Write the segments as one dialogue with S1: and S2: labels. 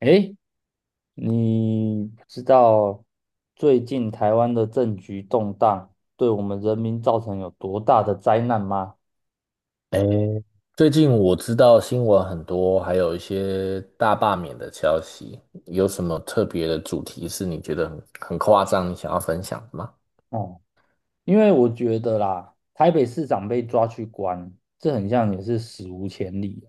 S1: 诶，你知道最近台湾的政局动荡对我们人民造成有多大的灾难吗？
S2: 诶，最近我知道新闻很多，还有一些大罢免的消息，有什么特别的主题是你觉得很夸张，你想要分享的吗？
S1: 哦，因为我觉得啦，台北市长被抓去关，这很像也是史无前例的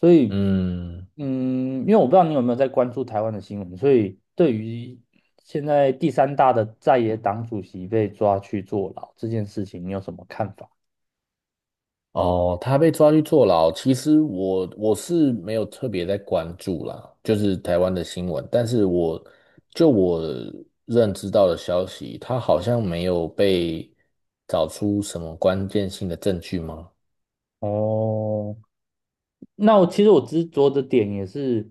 S1: 所以，
S2: 嗯，
S1: 因为我不知道你有没有在关注台湾的新闻，所以对于现在第三大的在野党主席被抓去坐牢这件事情，你有什么看法？
S2: 哦，他被抓去坐牢，其实我是没有特别在关注啦，就是台湾的新闻，但是我认知到的消息，他好像没有被找出什么关键性的证据吗？
S1: 哦。那其实我执着的点也是，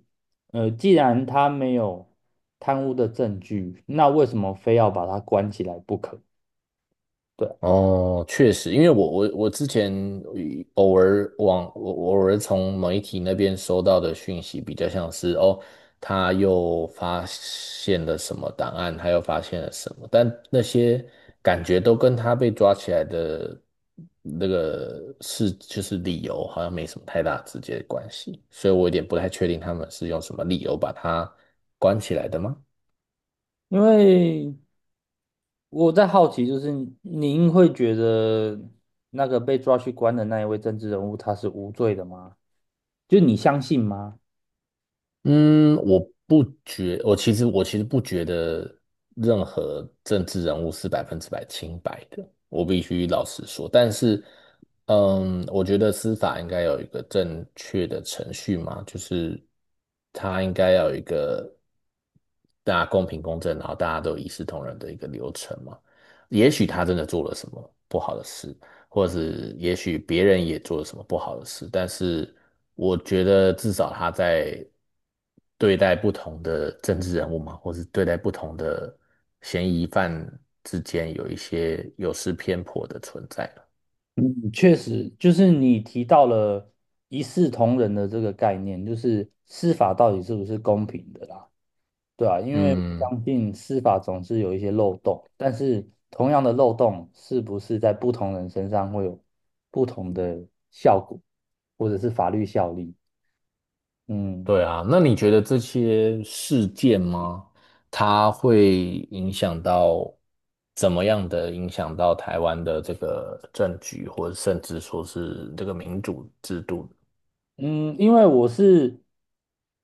S1: 既然他没有贪污的证据，那为什么非要把他关起来不可？对啊，
S2: 哦，确实，因为我之前偶尔往我我偶尔从媒体那边收到的讯息，比较像是哦，他又发现了什么档案，他又发现了什么，但那些感觉都跟他被抓起来的理由，好像没什么太大直接的关系，所以我有点不太确定他们是用什么理由把他关起来的吗？
S1: 因为我在好奇，就是您会觉得那个被抓去关的那一位政治人物他是无罪的吗？就你相信吗？
S2: 嗯，我不觉，我其实不觉得任何政治人物是百分之百清白的，我必须老实说。但是，嗯，我觉得司法应该有一个正确的程序嘛，就是它应该要有一个大家公平公正，然后大家都一视同仁的一个流程嘛。也许他真的做了什么不好的事，或是也许别人也做了什么不好的事，但是我觉得至少他在对待不同的政治人物嘛，或是对待不同的嫌疑犯之间有一些有失偏颇的存在了。
S1: 嗯，确实，就是你提到了一视同仁的这个概念，就是司法到底是不是公平的啦？对啊，因为我
S2: 嗯，
S1: 相信司法总是有一些漏洞，但是同样的漏洞是不是在不同人身上会有不同的效果，或者是法律效力？嗯。
S2: 对啊，那你觉得这些事件吗？它会影响到怎么样的影响到台湾的这个政局，或者甚至说是这个民主制度？
S1: 嗯，因为我是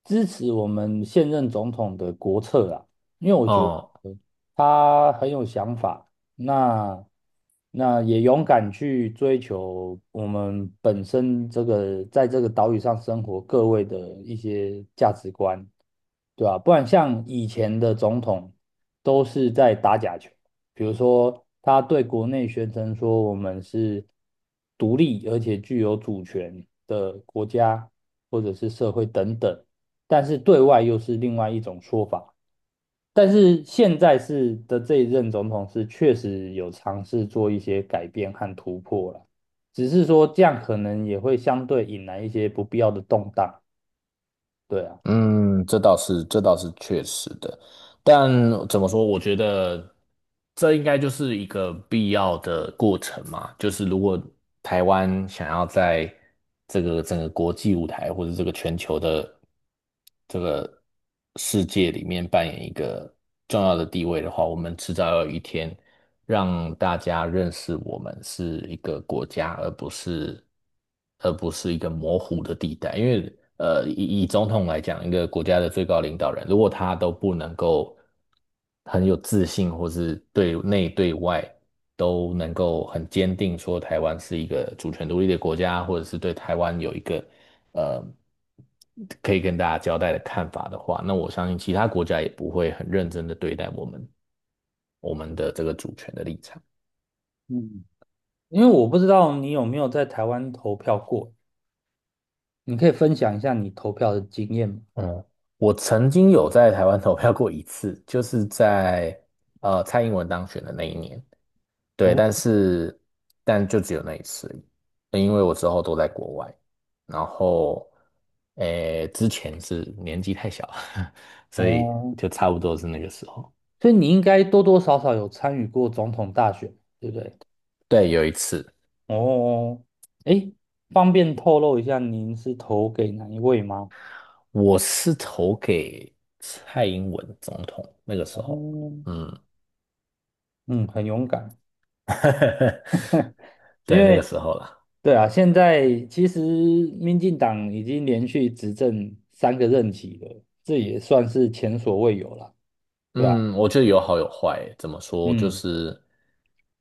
S1: 支持我们现任总统的国策啦，因为我觉得
S2: 哦。
S1: 他很有想法，那那也勇敢去追求我们本身这个在这个岛屿上生活各位的一些价值观，对吧？不然像以前的总统都是在打假球。比如说，他对国内宣称说我们是独立而且具有主权的国家或者是社会等等，但是对外又是另外一种说法。但是现在是的这一任总统是确实有尝试做一些改变和突破了，只是说这样可能也会相对引来一些不必要的动荡。对啊，
S2: 嗯，这倒是，这倒是确实的。但怎么说？我觉得这应该就是一个必要的过程嘛。就是如果台湾想要在这个整个国际舞台或者这个全球的这个世界里面扮演一个重要的地位的话，我们迟早有一天让大家认识我们是一个国家，而不是一个模糊的地带。因为以总统来讲，一个国家的最高领导人，如果他都不能够很有自信，或是对内对外。都能够很坚定说台湾是一个主权独立的国家，或者是对台湾有一个呃可以跟大家交代的看法的话，那我相信其他国家也不会很认真的对待我们的这个主权的立场。
S1: 嗯，因为我不知道你有没有在台湾投票过，你可以分享一下你投票的经验吗？
S2: 嗯，我曾经有在台湾投票过一次，就是在蔡英文当选的那一年，对，
S1: 哦。
S2: 但是但就只有那一次而已，因为我之后都在国外，然后诶之前是年纪太小，所以
S1: 哦，
S2: 就差不多是那个时候。
S1: 所以你应该多多少少有参与过总统大选，对不对？
S2: 对，有一次，
S1: 哦，诶，方便透露一下您是投给哪一位吗？
S2: 我是投给蔡英文总统那个时
S1: 哦，
S2: 候，嗯，
S1: 嗯，很勇敢，因
S2: 对，那个
S1: 为
S2: 时候了。
S1: 对啊，现在其实民进党已经连续执政3个任期了，这也算是前所未有了，对啊，
S2: 嗯，我觉得有好有坏欸。怎么说？就
S1: 嗯
S2: 是，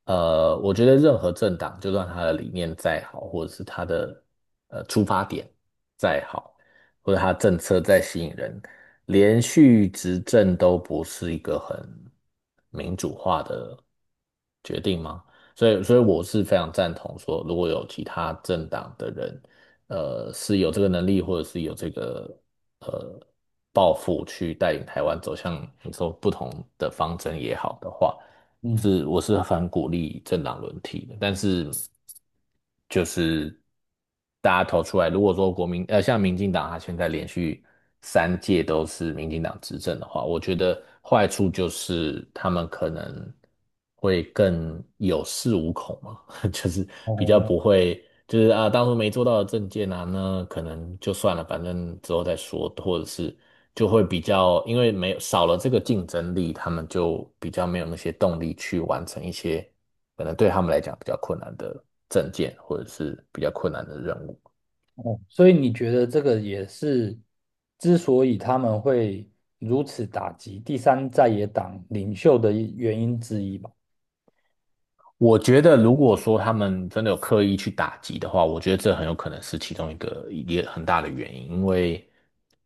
S2: 呃，我觉得任何政党，就算他的理念再好，或者是他的出发点再好，或者他政策再吸引人，连续执政都不是一个很民主化的决定吗？所以我是非常赞同说，如果有其他政党的人是有这个能力，或者是有这个呃抱负去带领台湾走向你说不同的方针也好的话，
S1: 嗯，
S2: 是我是很鼓励政党轮替的，但是就是大家投出来，如果说国民像民进党，啊，现在连续三届都是民进党执政的话，我觉得坏处就是他们可能会更有恃无恐嘛。就是比较
S1: 哦。
S2: 不会，就是啊，当初没做到的证件啊，那可能就算了，反正之后再说，或者是就会比较，因为没有少了这个竞争力，他们就比较没有那些动力去完成一些可能对他们来讲比较困难的证件，或者是比较困难的任务。
S1: 所以你觉得这个也是之所以他们会如此打击第三在野党领袖的一原因之一吧？
S2: 我觉得，如果说他们真的有刻意去打击的话，我觉得这很有可能是其中一个也很大的原因，因为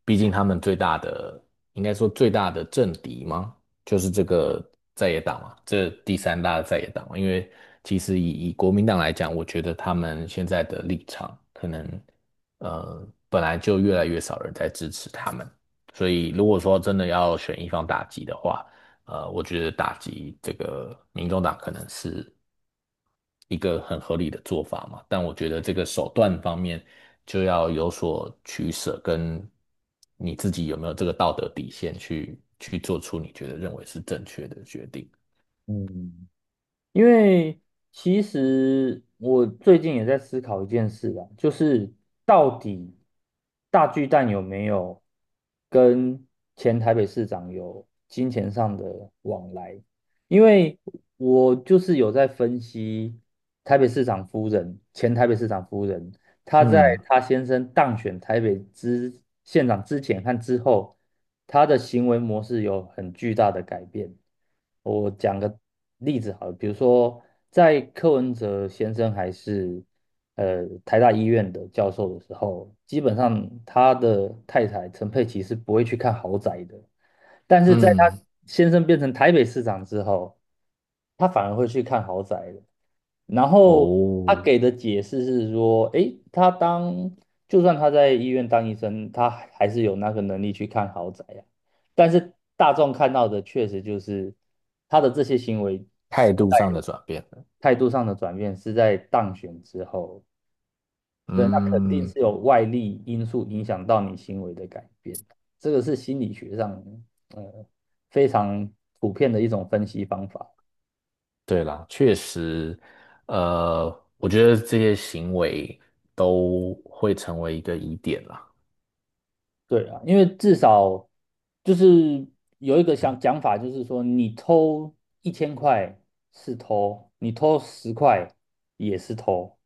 S2: 毕竟他们最大的，应该说最大的政敌嘛，就是这个在野党嘛，这第三大的在野党嘛。因为其实以国民党来讲，我觉得他们现在的立场可能，呃，本来就越来越少人在支持他们，所以如果说真的要选一方打击的话，呃，我觉得打击这个民众党可能是一个很合理的做法嘛。但我觉得这个手段方面就要有所取舍，跟你自己有没有这个道德底线去做出你觉得认为是正确的决定。
S1: 嗯因为其实我最近也在思考一件事啦，就是到底大巨蛋有没有跟前台北市长有金钱上的往来？因为我就是有在分析台北市长夫人、前台北市长夫人他在
S2: 嗯
S1: 他先生当选台北之县长之前和之后，他的行为模式有很巨大的改变。我讲个例子好了，比如说在柯文哲先生还是台大医院的教授的时候，基本上他的太太陈佩琪是不会去看豪宅的。但是在他
S2: 嗯，
S1: 先生变成台北市长之后，他反而会去看豪宅了。然后他
S2: 哦，
S1: 给的解释是说，诶，就算他在医院当医生，他还是有那个能力去看豪宅呀。但是大众看到的确实就是他的这些行为是
S2: 态度上的转变了。
S1: 态度上的转变，是在当选之后。对，那肯定
S2: 嗯，
S1: 是有外力因素影响到你行为的改变，这个是心理学上呃非常普遍的一种分析方法。
S2: 对啦，确实，呃，我觉得这些行为都会成为一个疑点啦。
S1: 对啊，因为至少就是有一个想讲法，就是说你偷1000块是偷，你偷10块也是偷，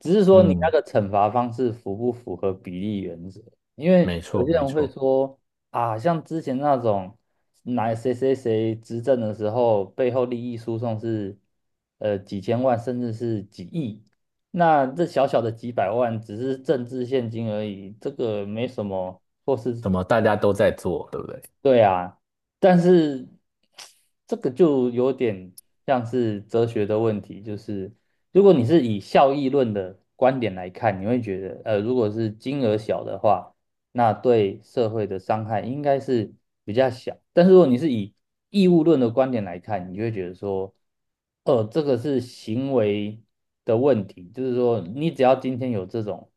S1: 只是说你那
S2: 嗯，
S1: 个惩罚方式符不符合比例原则？因
S2: 没
S1: 为有
S2: 错
S1: 些
S2: 没
S1: 人会
S2: 错，
S1: 说啊，像之前那种哪谁谁谁执政的时候，背后利益输送是几千万甚至是几亿，那这小小的几百万只是政治现金而已，这个没什么
S2: 怎么大家都在做，对不对？
S1: 对啊，但是这个就有点像是哲学的问题，就是如果你是以效益论的观点来看，你会觉得，如果是金额小的话，那对社会的伤害应该是比较小。但是如果你是以义务论的观点来看，你就会觉得说，这个是行为的问题，就是说，你只要今天有这种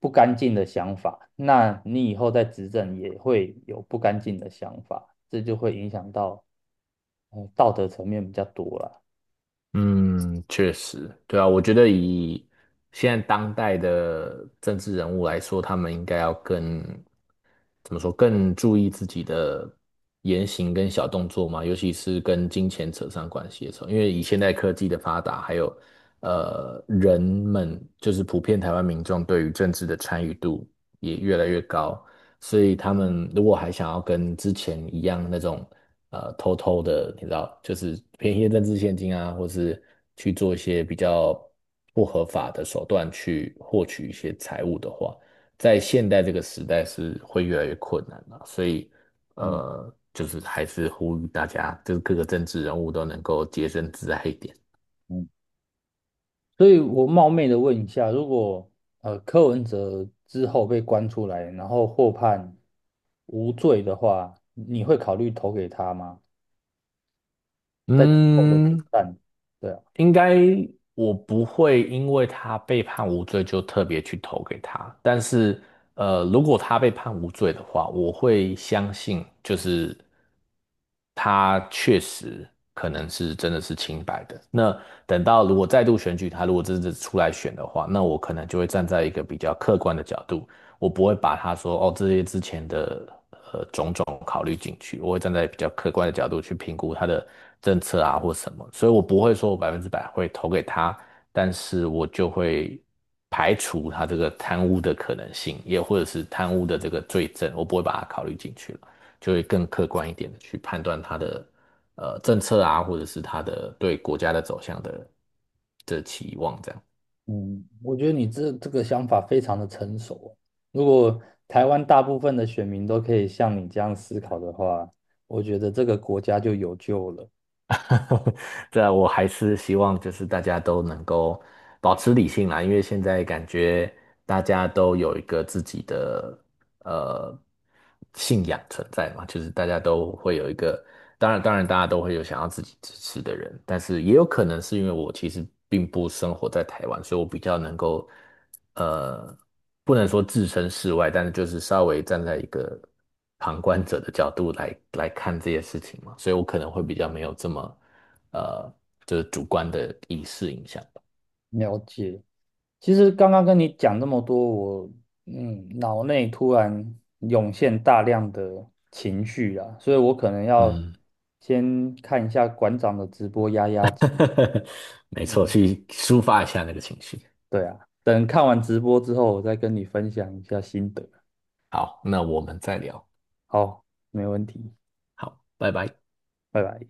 S1: 不干净的想法，那你以后在执政也会有不干净的想法，这就会影响到，道德层面比较多了。
S2: 嗯，确实，对啊，我觉得以现在当代的政治人物来说，他们应该要更，怎么说，更注意自己的言行跟小动作嘛，尤其是跟金钱扯上关系的时候，因为以现代科技的发达，还有人们就是普遍台湾民众对于政治的参与度也越来越高，所以他们如果还想要跟之前一样那种偷偷的，你知道，就是便宜的政治现金啊，或是去做一些比较不合法的手段去获取一些财物的话，在现代这个时代是会越来越困难的啊。所以
S1: 嗯
S2: 就是还是呼吁大家，就是各个政治人物都能够洁身自爱一点。
S1: 嗯。所以我冒昧的问一下，如果柯文哲之后被关出来，然后获判无罪的话，你会考虑投给他吗？在之后的选
S2: 嗯，
S1: 战，对啊，
S2: 应该我不会因为他被判无罪就特别去投给他，但是如果他被判无罪的话，我会相信就是他确实可能是真的是清白的。那等到如果再度选举他，如果真的出来选的话，那我可能就会站在一个比较客观的角度，我不会把他说哦这些之前的。考虑进去，我会站在比较客观的角度去评估他的政策啊或什么，所以我不会说我百分之百会投给他，但是我就会排除他这个贪污的可能性，也或者是贪污的这个罪证，我不会把它考虑进去了，就会更客观一点的去判断他的政策啊，或者是他的对国家的走向的期望这样。
S1: 嗯，我觉得你这个想法非常的成熟哦。如果台湾大部分的选民都可以像你这样思考的话，我觉得这个国家就有救了。
S2: 对啊，我还是希望就是大家都能够保持理性啦，因为现在感觉大家都有一个自己的呃信仰存在嘛，就是大家都会有一个，当然大家都会有想要自己支持的人，但是也有可能是因为我其实并不生活在台湾，所以我比较能够呃不能说置身事外，但是就是稍微站在一个。旁观者的角度来看这些事情嘛，所以我可能会比较没有这么呃，就是主观的意识影响吧。
S1: 了解。其实刚刚跟你讲这么多，我脑内突然涌现大量的情绪啦，所以我可能要
S2: 嗯，
S1: 先看一下馆长的直播压压惊。
S2: 没错，
S1: 嗯，
S2: 去抒发一下那个情绪。
S1: 对啊，等看完直播之后，我再跟你分享一下心得。
S2: 好，那我们再聊。
S1: 好，没问题，
S2: 好，拜拜。
S1: 拜拜。